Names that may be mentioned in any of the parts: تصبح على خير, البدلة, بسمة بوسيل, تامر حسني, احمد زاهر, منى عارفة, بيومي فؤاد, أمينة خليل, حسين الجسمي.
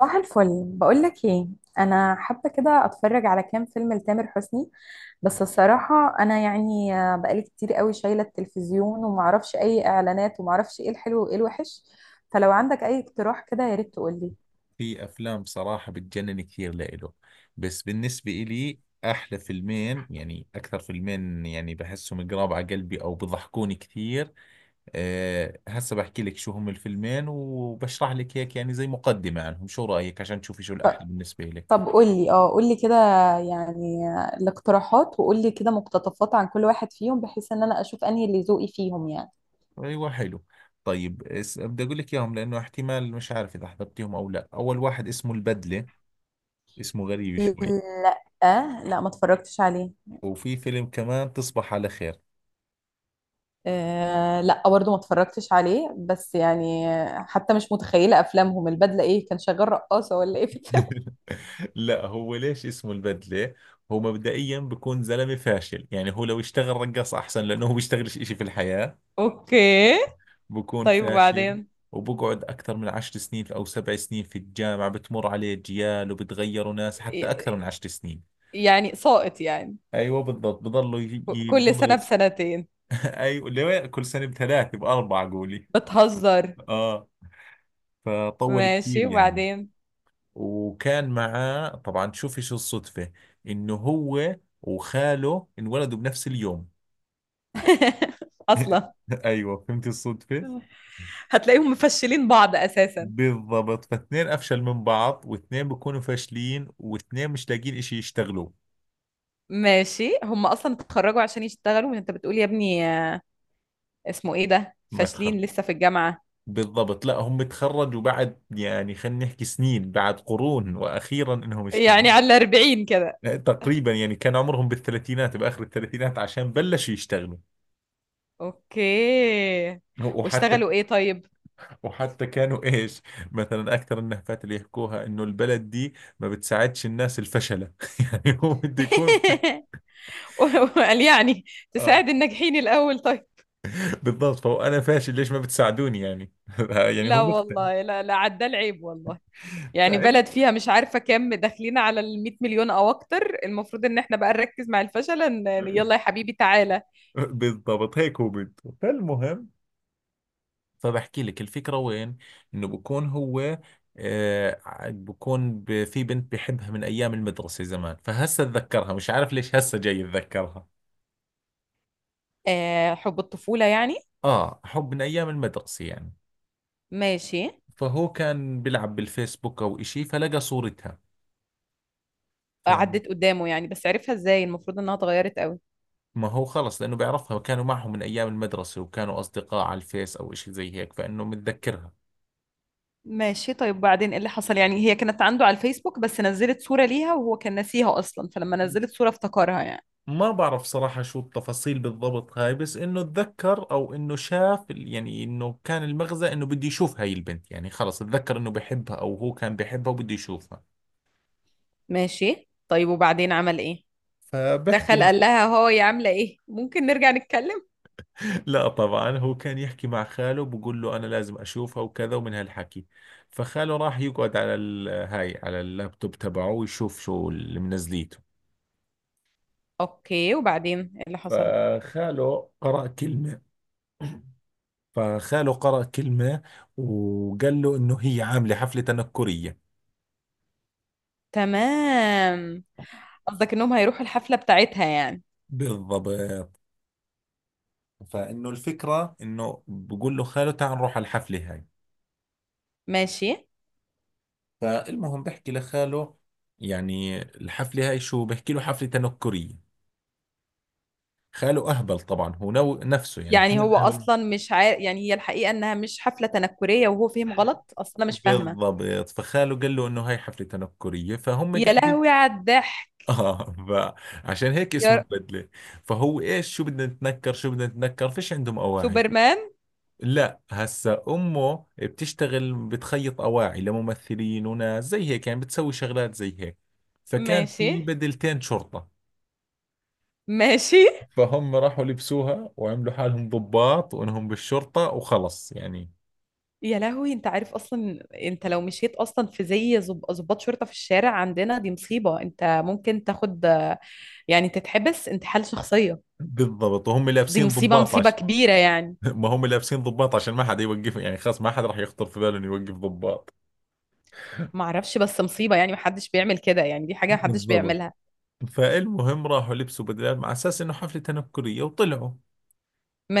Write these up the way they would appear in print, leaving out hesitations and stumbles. صباح الفل. بقول لك ايه، انا حابه كده اتفرج على كام فيلم لتامر حسني. بس الصراحه انا يعني بقالي كتير قوي شايله التلفزيون ومعرفش اي اعلانات ومعرفش ايه الحلو وايه الوحش. فلو عندك اي اقتراح كده يا ريت تقول لي. في افلام بصراحة بتجنن كثير لإله، بس بالنسبة إلي احلى فيلمين، يعني اكثر فيلمين يعني بحسهم قراب على قلبي او بضحكوني كثير. هسه بحكي لك شو هم الفيلمين وبشرح لك هيك، يعني زي مقدمة عنهم. شو رأيك عشان تشوفي شو الاحلى ط- بالنسبة لك؟ طب قول لي قول لي كده. يعني الاقتراحات، وقول لي كده مقتطفات عن كل واحد فيهم بحيث ان انا اشوف انهي اللي ذوقي فيهم يعني. ايوه حلو. طيب، بدي اقول لك اياهم لانه احتمال مش عارف اذا حضرتيهم او لا. اول واحد اسمه البدلة، اسمه غريب شوي. لا لا، ما اتفرجتش عليه. وفي فيلم كمان تصبح على خير. آه لا، برضه ما اتفرجتش عليه بس يعني. حتى مش متخيلة أفلامهم، البدلة إيه؟ كان شغال رقاصة ولا إيه في الفيلم؟ لا، هو ليش اسمه البدلة؟ هو مبدئيا بكون زلمة فاشل، يعني هو لو اشتغل رقاص أحسن، لأنه هو بيشتغلش إشي في الحياة، اوكي. بكون طيب فاشل. وبعدين؟ وبقعد أكثر من 10 سنين أو 7 سنين في الجامعة، بتمر عليه أجيال وبتغيروا ناس، حتى أكثر ي- من 10 سنين. يعني ساقط يعني؟ أيوة بالضبط، كل بضلوا سنة يرسم. بسنتين. أيوة ليه؟ كل سنة بـ3 بـ4 قولي. بتهزر. آه، فطول كثير ماشي يعني. وبعدين؟ وكان معاه طبعا، تشوفي شو الصدفة، انه هو وخاله انولدوا بنفس اليوم. اصلا، ايوه فهمتي الصدفة. هتلاقيهم مفشلين بعض اساسا. بالضبط، فاثنين افشل من بعض، واثنين بيكونوا فاشلين، واثنين مش لاقيين اشي يشتغلوه. ماشي، هم اصلا اتخرجوا عشان يشتغلوا، وانت بتقول يا ابني اسمه ايه ده، مدخل. فاشلين لسه في الجامعة؟ بالضبط، لا هم تخرجوا بعد، يعني خلينا نحكي سنين بعد قرون واخيرا انهم اشتغلوا. يعني على 40 كده. تقريبا يعني كان عمرهم بالثلاثينات، باخر الثلاثينات عشان بلشوا يشتغلوا. اوكي. وحتى واشتغلوا ايه طيب؟ وحتى كانوا ايش. مثلا اكثر النهفات اللي يحكوها، انه البلد دي ما بتساعدش الناس الفشلة. يعني هو بده يكون. وقال يعني اه تساعد الناجحين الاول، طيب. بالضبط، فهو انا فاشل ليش ما بتساعدوني يعني. يعني هو لا مختل. والله، لا لا، عدى العيب والله. يعني بلد فعلا فيها مش عارفه كام، داخلين على ال 100 مليون او اكتر، المفروض ان احنا بقى نركز مع الفشل ان يلا يا حبيبي تعالى. بالضبط، هيك هو بده. فالمهم، فبحكي لك الفكرة وين. انه بكون هو في بنت بحبها من ايام المدرسة زمان، فهسه اتذكرها مش عارف ليش هسه جاي اتذكرها. آه، حب الطفوله يعني. اه، حب من ايام المدرسة يعني. ماشي. فهو كان بيلعب بالفيسبوك او إشي فلقى صورتها. فما عدت قدامه يعني؟ بس عرفها ازاي؟ المفروض انها اتغيرت قوي. هو خلص لانه بيعرفها، كانوا معهم من ايام المدرسة وكانوا اصدقاء على الفيس او إشي زي هيك، فانه متذكرها. ماشي. طيب بعدين ايه اللي حصل؟ يعني هي كانت عنده على الفيسبوك؟ بس نزلت صورة ليها وهو كان ناسيها اصلا، فلما نزلت صورة افتكرها يعني. ما بعرف صراحة شو التفاصيل بالضبط هاي، بس انه اتذكر، او انه شاف يعني انه كان المغزى انه بده يشوف هاي البنت، يعني خلص اتذكر انه بحبها، او هو كان بحبها وبده يشوفها. ماشي. طيب وبعدين عمل ايه؟ فبحكي. دخل قال لها هو يا عامله ايه، ممكن نرجع نتكلم؟ لا طبعا، هو كان يحكي مع خاله بقول له انا لازم اشوفها وكذا، ومن هالحكي فخاله راح يقعد على هاي على اللابتوب تبعه، ويشوف شو اللي منزليته. اوكي. وبعدين ايه اللي حصل؟ فخاله قرأ كلمة فخاله قرأ كلمة، وقال له انه هي عاملة حفلة تنكرية. تمام. قصدك انهم هيروحوا الحفله بتاعتها يعني؟ بالضبط، فانه الفكرة انه بقول له خاله تعال نروح على الحفلة هاي. ماشي. فالمهم بحكي لخاله، يعني الحفلة هاي شو، بحكي له حفلة تنكرية. خاله أهبل طبعا، هو نو نفسه، يعني يعني اثنين هو أهبل. اصلا مش عارف يعني، هي الحقيقه انها مش حفله تنكريه وهو فهم غلط اصلا مش فاهمه. بالضبط، فخاله قال له إنه هاي حفلة تنكرية، فهم يا قاعدين. لهوي على الضحك. آه، فعشان هيك اسمه يا البدلة. فهو إيش شو بدنا نتنكر، شو بدنا نتنكر، فيش عندهم أواعي. سوبرمان. لا، هسا أمه بتشتغل بتخيط أواعي لممثلين وناس زي هيك، يعني بتسوي شغلات زي هيك. فكان ماشي، في بدلتين شرطة. ماشي. فهم راحوا لبسوها وعملوا حالهم ضباط، وإنهم بالشرطة وخلص يعني. يا لهوي، انت عارف اصلا. انت لو مشيت اصلا في زي ظباط شرطة في الشارع عندنا دي مصيبة، انت ممكن تاخد يعني تتحبس، انتحال شخصية. بالضبط وهم دي لابسين مصيبة، مصيبة ضباط. كبيرة يعني. ما هم لابسين ضباط عشان ما حد يوقف، يعني خلاص ما حد راح يخطر في باله انه يوقف ضباط. معرفش، بس مصيبة يعني، محدش بيعمل كده يعني، دي حاجة محدش بالضبط. بيعملها. فالمهم راحوا لبسوا بدلات مع اساس انه حفله تنكريه وطلعوا.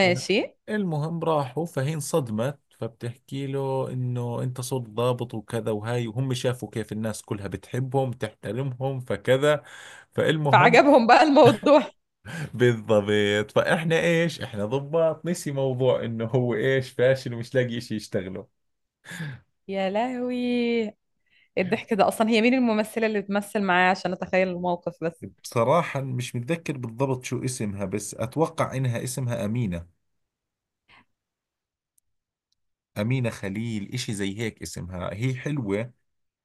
طيب. المهم راحوا، فهي انصدمت، فبتحكي له انه انت صرت ضابط وكذا وهاي، وهم شافوا كيف الناس كلها بتحبهم تحترمهم فكذا. فالمهم، فعجبهم بقى الموضوع. بالضبط، فاحنا ايش احنا ضباط، نسي موضوع انه هو ايش فاشل ومش لاقي شيء يشتغله. يا لهوي، الضحك ده اصلا. هي مين الممثلة اللي بتمثل معاه عشان اتخيل الموقف بس؟ بصراحة مش متذكر بالضبط شو اسمها، بس أتوقع إنها اسمها أمينة، أمينة خليل، إشي زي هيك اسمها، هي حلوة.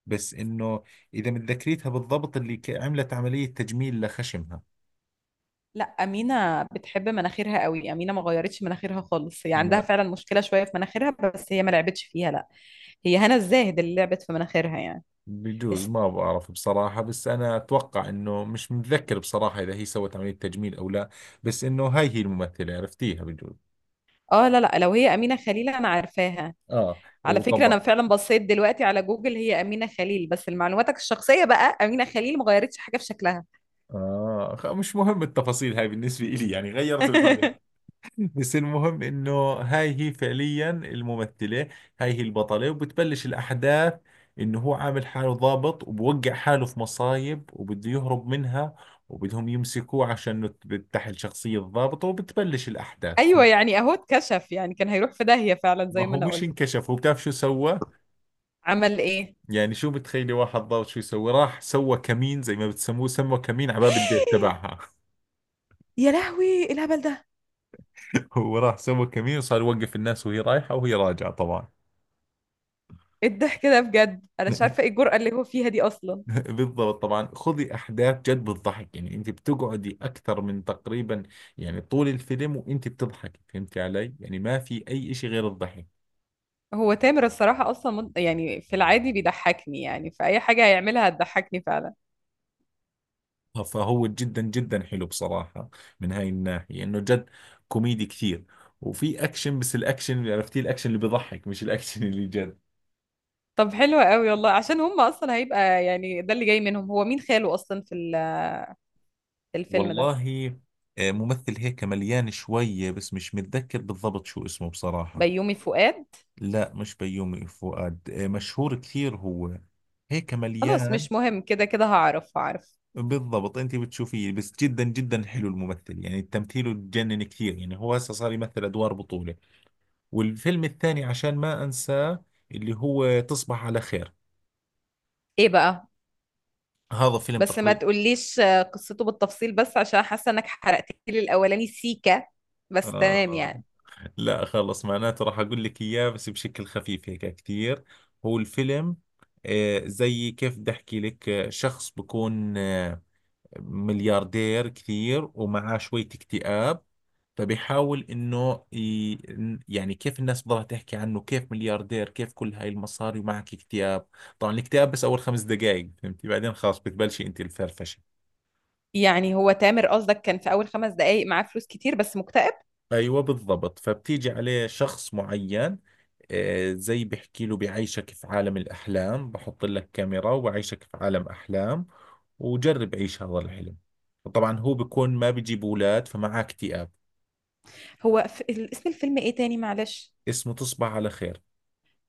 بس إنه، إذا متذكريتها بالضبط، عملت عملية تجميل لخشمها. لا، أمينة بتحب مناخيرها قوي. أمينة ما غيرتش مناخيرها خالص، هي عندها ما فعلا مشكلة شوية في مناخيرها بس هي ما لعبتش فيها، لا. هي هنا الزاهد اللي لعبت في مناخيرها يعني. بجوز، بس ما بعرف بصراحة، بس أنا أتوقع إنه مش متذكر بصراحة إذا هي سوت عملية تجميل أو لا. بس إنه هاي هي الممثلة، عرفتيها بجوز؟ اه، لا لا، لو هي أمينة خليل أنا عارفاها. آه على فكرة، أنا وطبعا. فعلا بصيت دلوقتي على جوجل، هي أمينة خليل، بس لمعلوماتك الشخصية بقى، أمينة خليل ما غيرتش حاجة في شكلها. مش مهم التفاصيل هاي بالنسبة إلي، يعني غيرت الماضي. بس المهم انه هاي هي فعليا الممثلة، هاي هي البطلة وبتبلش الاحداث. انه هو عامل حاله ضابط، وبوقع حاله في مصايب وبده يهرب منها، وبدهم يمسكوه عشان تحل شخصية الضابط، وبتبلش الاحداث. أيوة يعني، أهو اتكشف يعني، كان هيروح في داهية فعلا ما زي ما هو أنا مش قلت. انكشف، هو بتعرف شو سوى. عمل إيه؟ يعني شو بتخيلي واحد ضابط شو يسوي؟ راح سوى كمين، زي ما بتسموه، سموا كمين على باب البيت تبعها. يا لهوي، إيه الهبل ده. هو راح سوى كمين وصار يوقف الناس وهي رايحة وهي راجعة طبعا. إيه الضحك ده بجد، أنا مش عارفة إيه الجرأة اللي هو فيها دي أصلا. بالضبط طبعا، خذي احداث جد بتضحك، يعني انت بتقعدي اكثر من تقريبا، يعني طول الفيلم وانت بتضحكي، فهمتي علي؟ يعني ما في اي اشي غير الضحك. هو تامر الصراحة أصلا يعني في العادي بيضحكني يعني، فأي حاجة هيعملها هتضحكني فعلا. فهو جدا جدا حلو بصراحة من هاي الناحية، انه جد كوميدي كثير. وفي اكشن، بس الاكشن عرفتي، الاكشن اللي بضحك مش الاكشن اللي جد. طب حلو قوي والله، عشان هم أصلا هيبقى يعني ده اللي جاي منهم. هو مين خاله أصلا في في الفيلم ده؟ والله، آه، ممثل هيك مليان شوية، بس مش متذكر بالضبط شو اسمه بصراحة. بيومي فؤاد؟ لا مش بيومي فؤاد، آه، مشهور كثير هو، هيك خلاص مليان. مش مهم، كده كده هعرف هعرف. بالضبط انت بتشوفيه، بس جدا جدا حلو الممثل، يعني تمثيله تجنن كثير، يعني هو هسه صار يمثل ادوار بطولة. والفيلم الثاني عشان ما انساه، اللي هو تصبح على خير. إيه بقى؟ هذا فيلم بس ما تقريبا، تقوليش قصته بالتفصيل، بس عشان حاسة إنك حرقت لي الأولاني سيكا، بس تمام آه يعني. لا خلص، معناته راح اقول لك اياه بس بشكل خفيف هيك كثير. هو الفيلم، زي كيف بدي احكي لك، شخص بكون ملياردير كثير ومعاه شوية اكتئاب. فبيحاول انه ي... يعني كيف الناس بتضلها تحكي عنه، كيف ملياردير، كيف كل هاي المصاري ومعك اكتئاب. طبعا الاكتئاب بس اول 5 دقائق، فهمتي، بعدين خلاص بتبلشي انت الفرفشه. يعني هو تامر قصدك، كان في أول 5 دقايق معاه فلوس كتير بس مكتئب؟ ايوه بالضبط، فبتيجي عليه شخص معين، زي بحكي له بعيشك في عالم الأحلام، بحط لك كاميرا وبعيشك في عالم أحلام، وجرب عيش هذا الحلم. طبعا هو بيكون ما بيجيب أولاد فمعاه اكتئاب. هو اسم الفيلم إيه تاني معلش؟ اسمه تصبح على خير.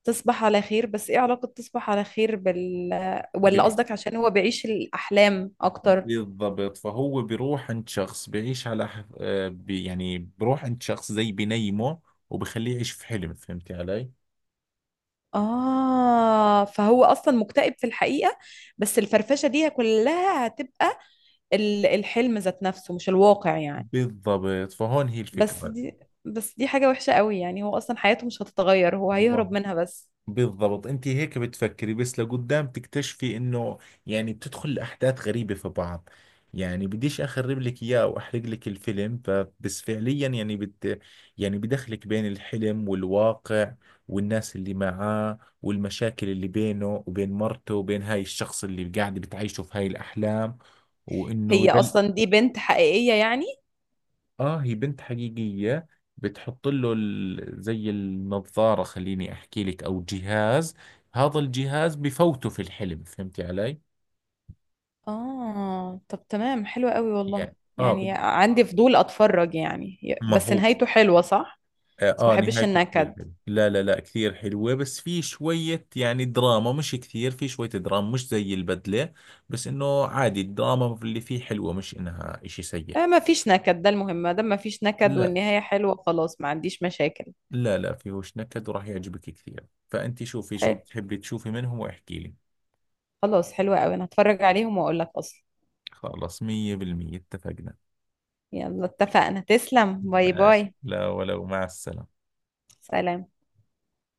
تصبح على خير. بس ايه علاقة تصبح على خير ولا بال... قصدك عشان هو بيعيش الأحلام أكتر؟ بالضبط، فهو بيروح عند شخص بيعيش على ح- آه، بي يعني بيروح عند شخص زي بنيمه، وبخليه يعيش في حلم، فهمتي علي؟ آه، فهو أصلا مكتئب في الحقيقة، بس الفرفشة دي كلها هتبقى الحلم ذات نفسه مش الواقع يعني. بالضبط، فهون هي بس الفكرة. دي بس دي حاجة وحشة قوي يعني، هو أصلا حياته مش هتتغير، هو هيهرب منها بس. بالضبط انت هيك بتفكري، بس لقدام تكتشفي انه، يعني بتدخل احداث غريبة في بعض. يعني بديش اخرب لك اياه واحرق لك الفيلم، فبس فعليا يعني بت يعني بدخلك بين الحلم والواقع، والناس اللي معاه، والمشاكل اللي بينه وبين مرته، وبين هاي الشخص اللي قاعد بتعيشه في هاي الاحلام. وانه هي أصلا دي بنت حقيقية يعني؟ اه، هي بنت حقيقية. بتحط له زي النظارة خليني احكي لك، او جهاز، هذا الجهاز بفوته في الحلم، فهمتي علي؟ آه طب تمام، حلوة قوي والله، يعني اه يعني عندي فضول أتفرج يعني. ما بس هو. نهايته حلوة صح؟ اه، بس ما آه، بحبش نهايته كثير النكد. حلوة، لا لا لا، كثير حلوة، بس في شوية يعني دراما، مش كثير، في شوية دراما مش زي البدلة. بس انه عادي الدراما اللي فيه حلوة، مش انها اشي سيء. آه ما فيش نكد، ده المهم، ما دام ما فيش نكد لا، والنهاية حلوة خلاص ما عنديش مشاكل. لا لا فيهوش نكد، وراح يعجبك كثير. فانت شوفي شو حلو. بتحبي تشوفي منهم واحكي لي. خلاص حلوة قوي، انا هتفرج عليهم واقول لك اصلا. خلاص، 100% اتفقنا. يلا اتفقنا، تسلم. باي ماشي، باي. لا ولو، مع السلامة. سلام.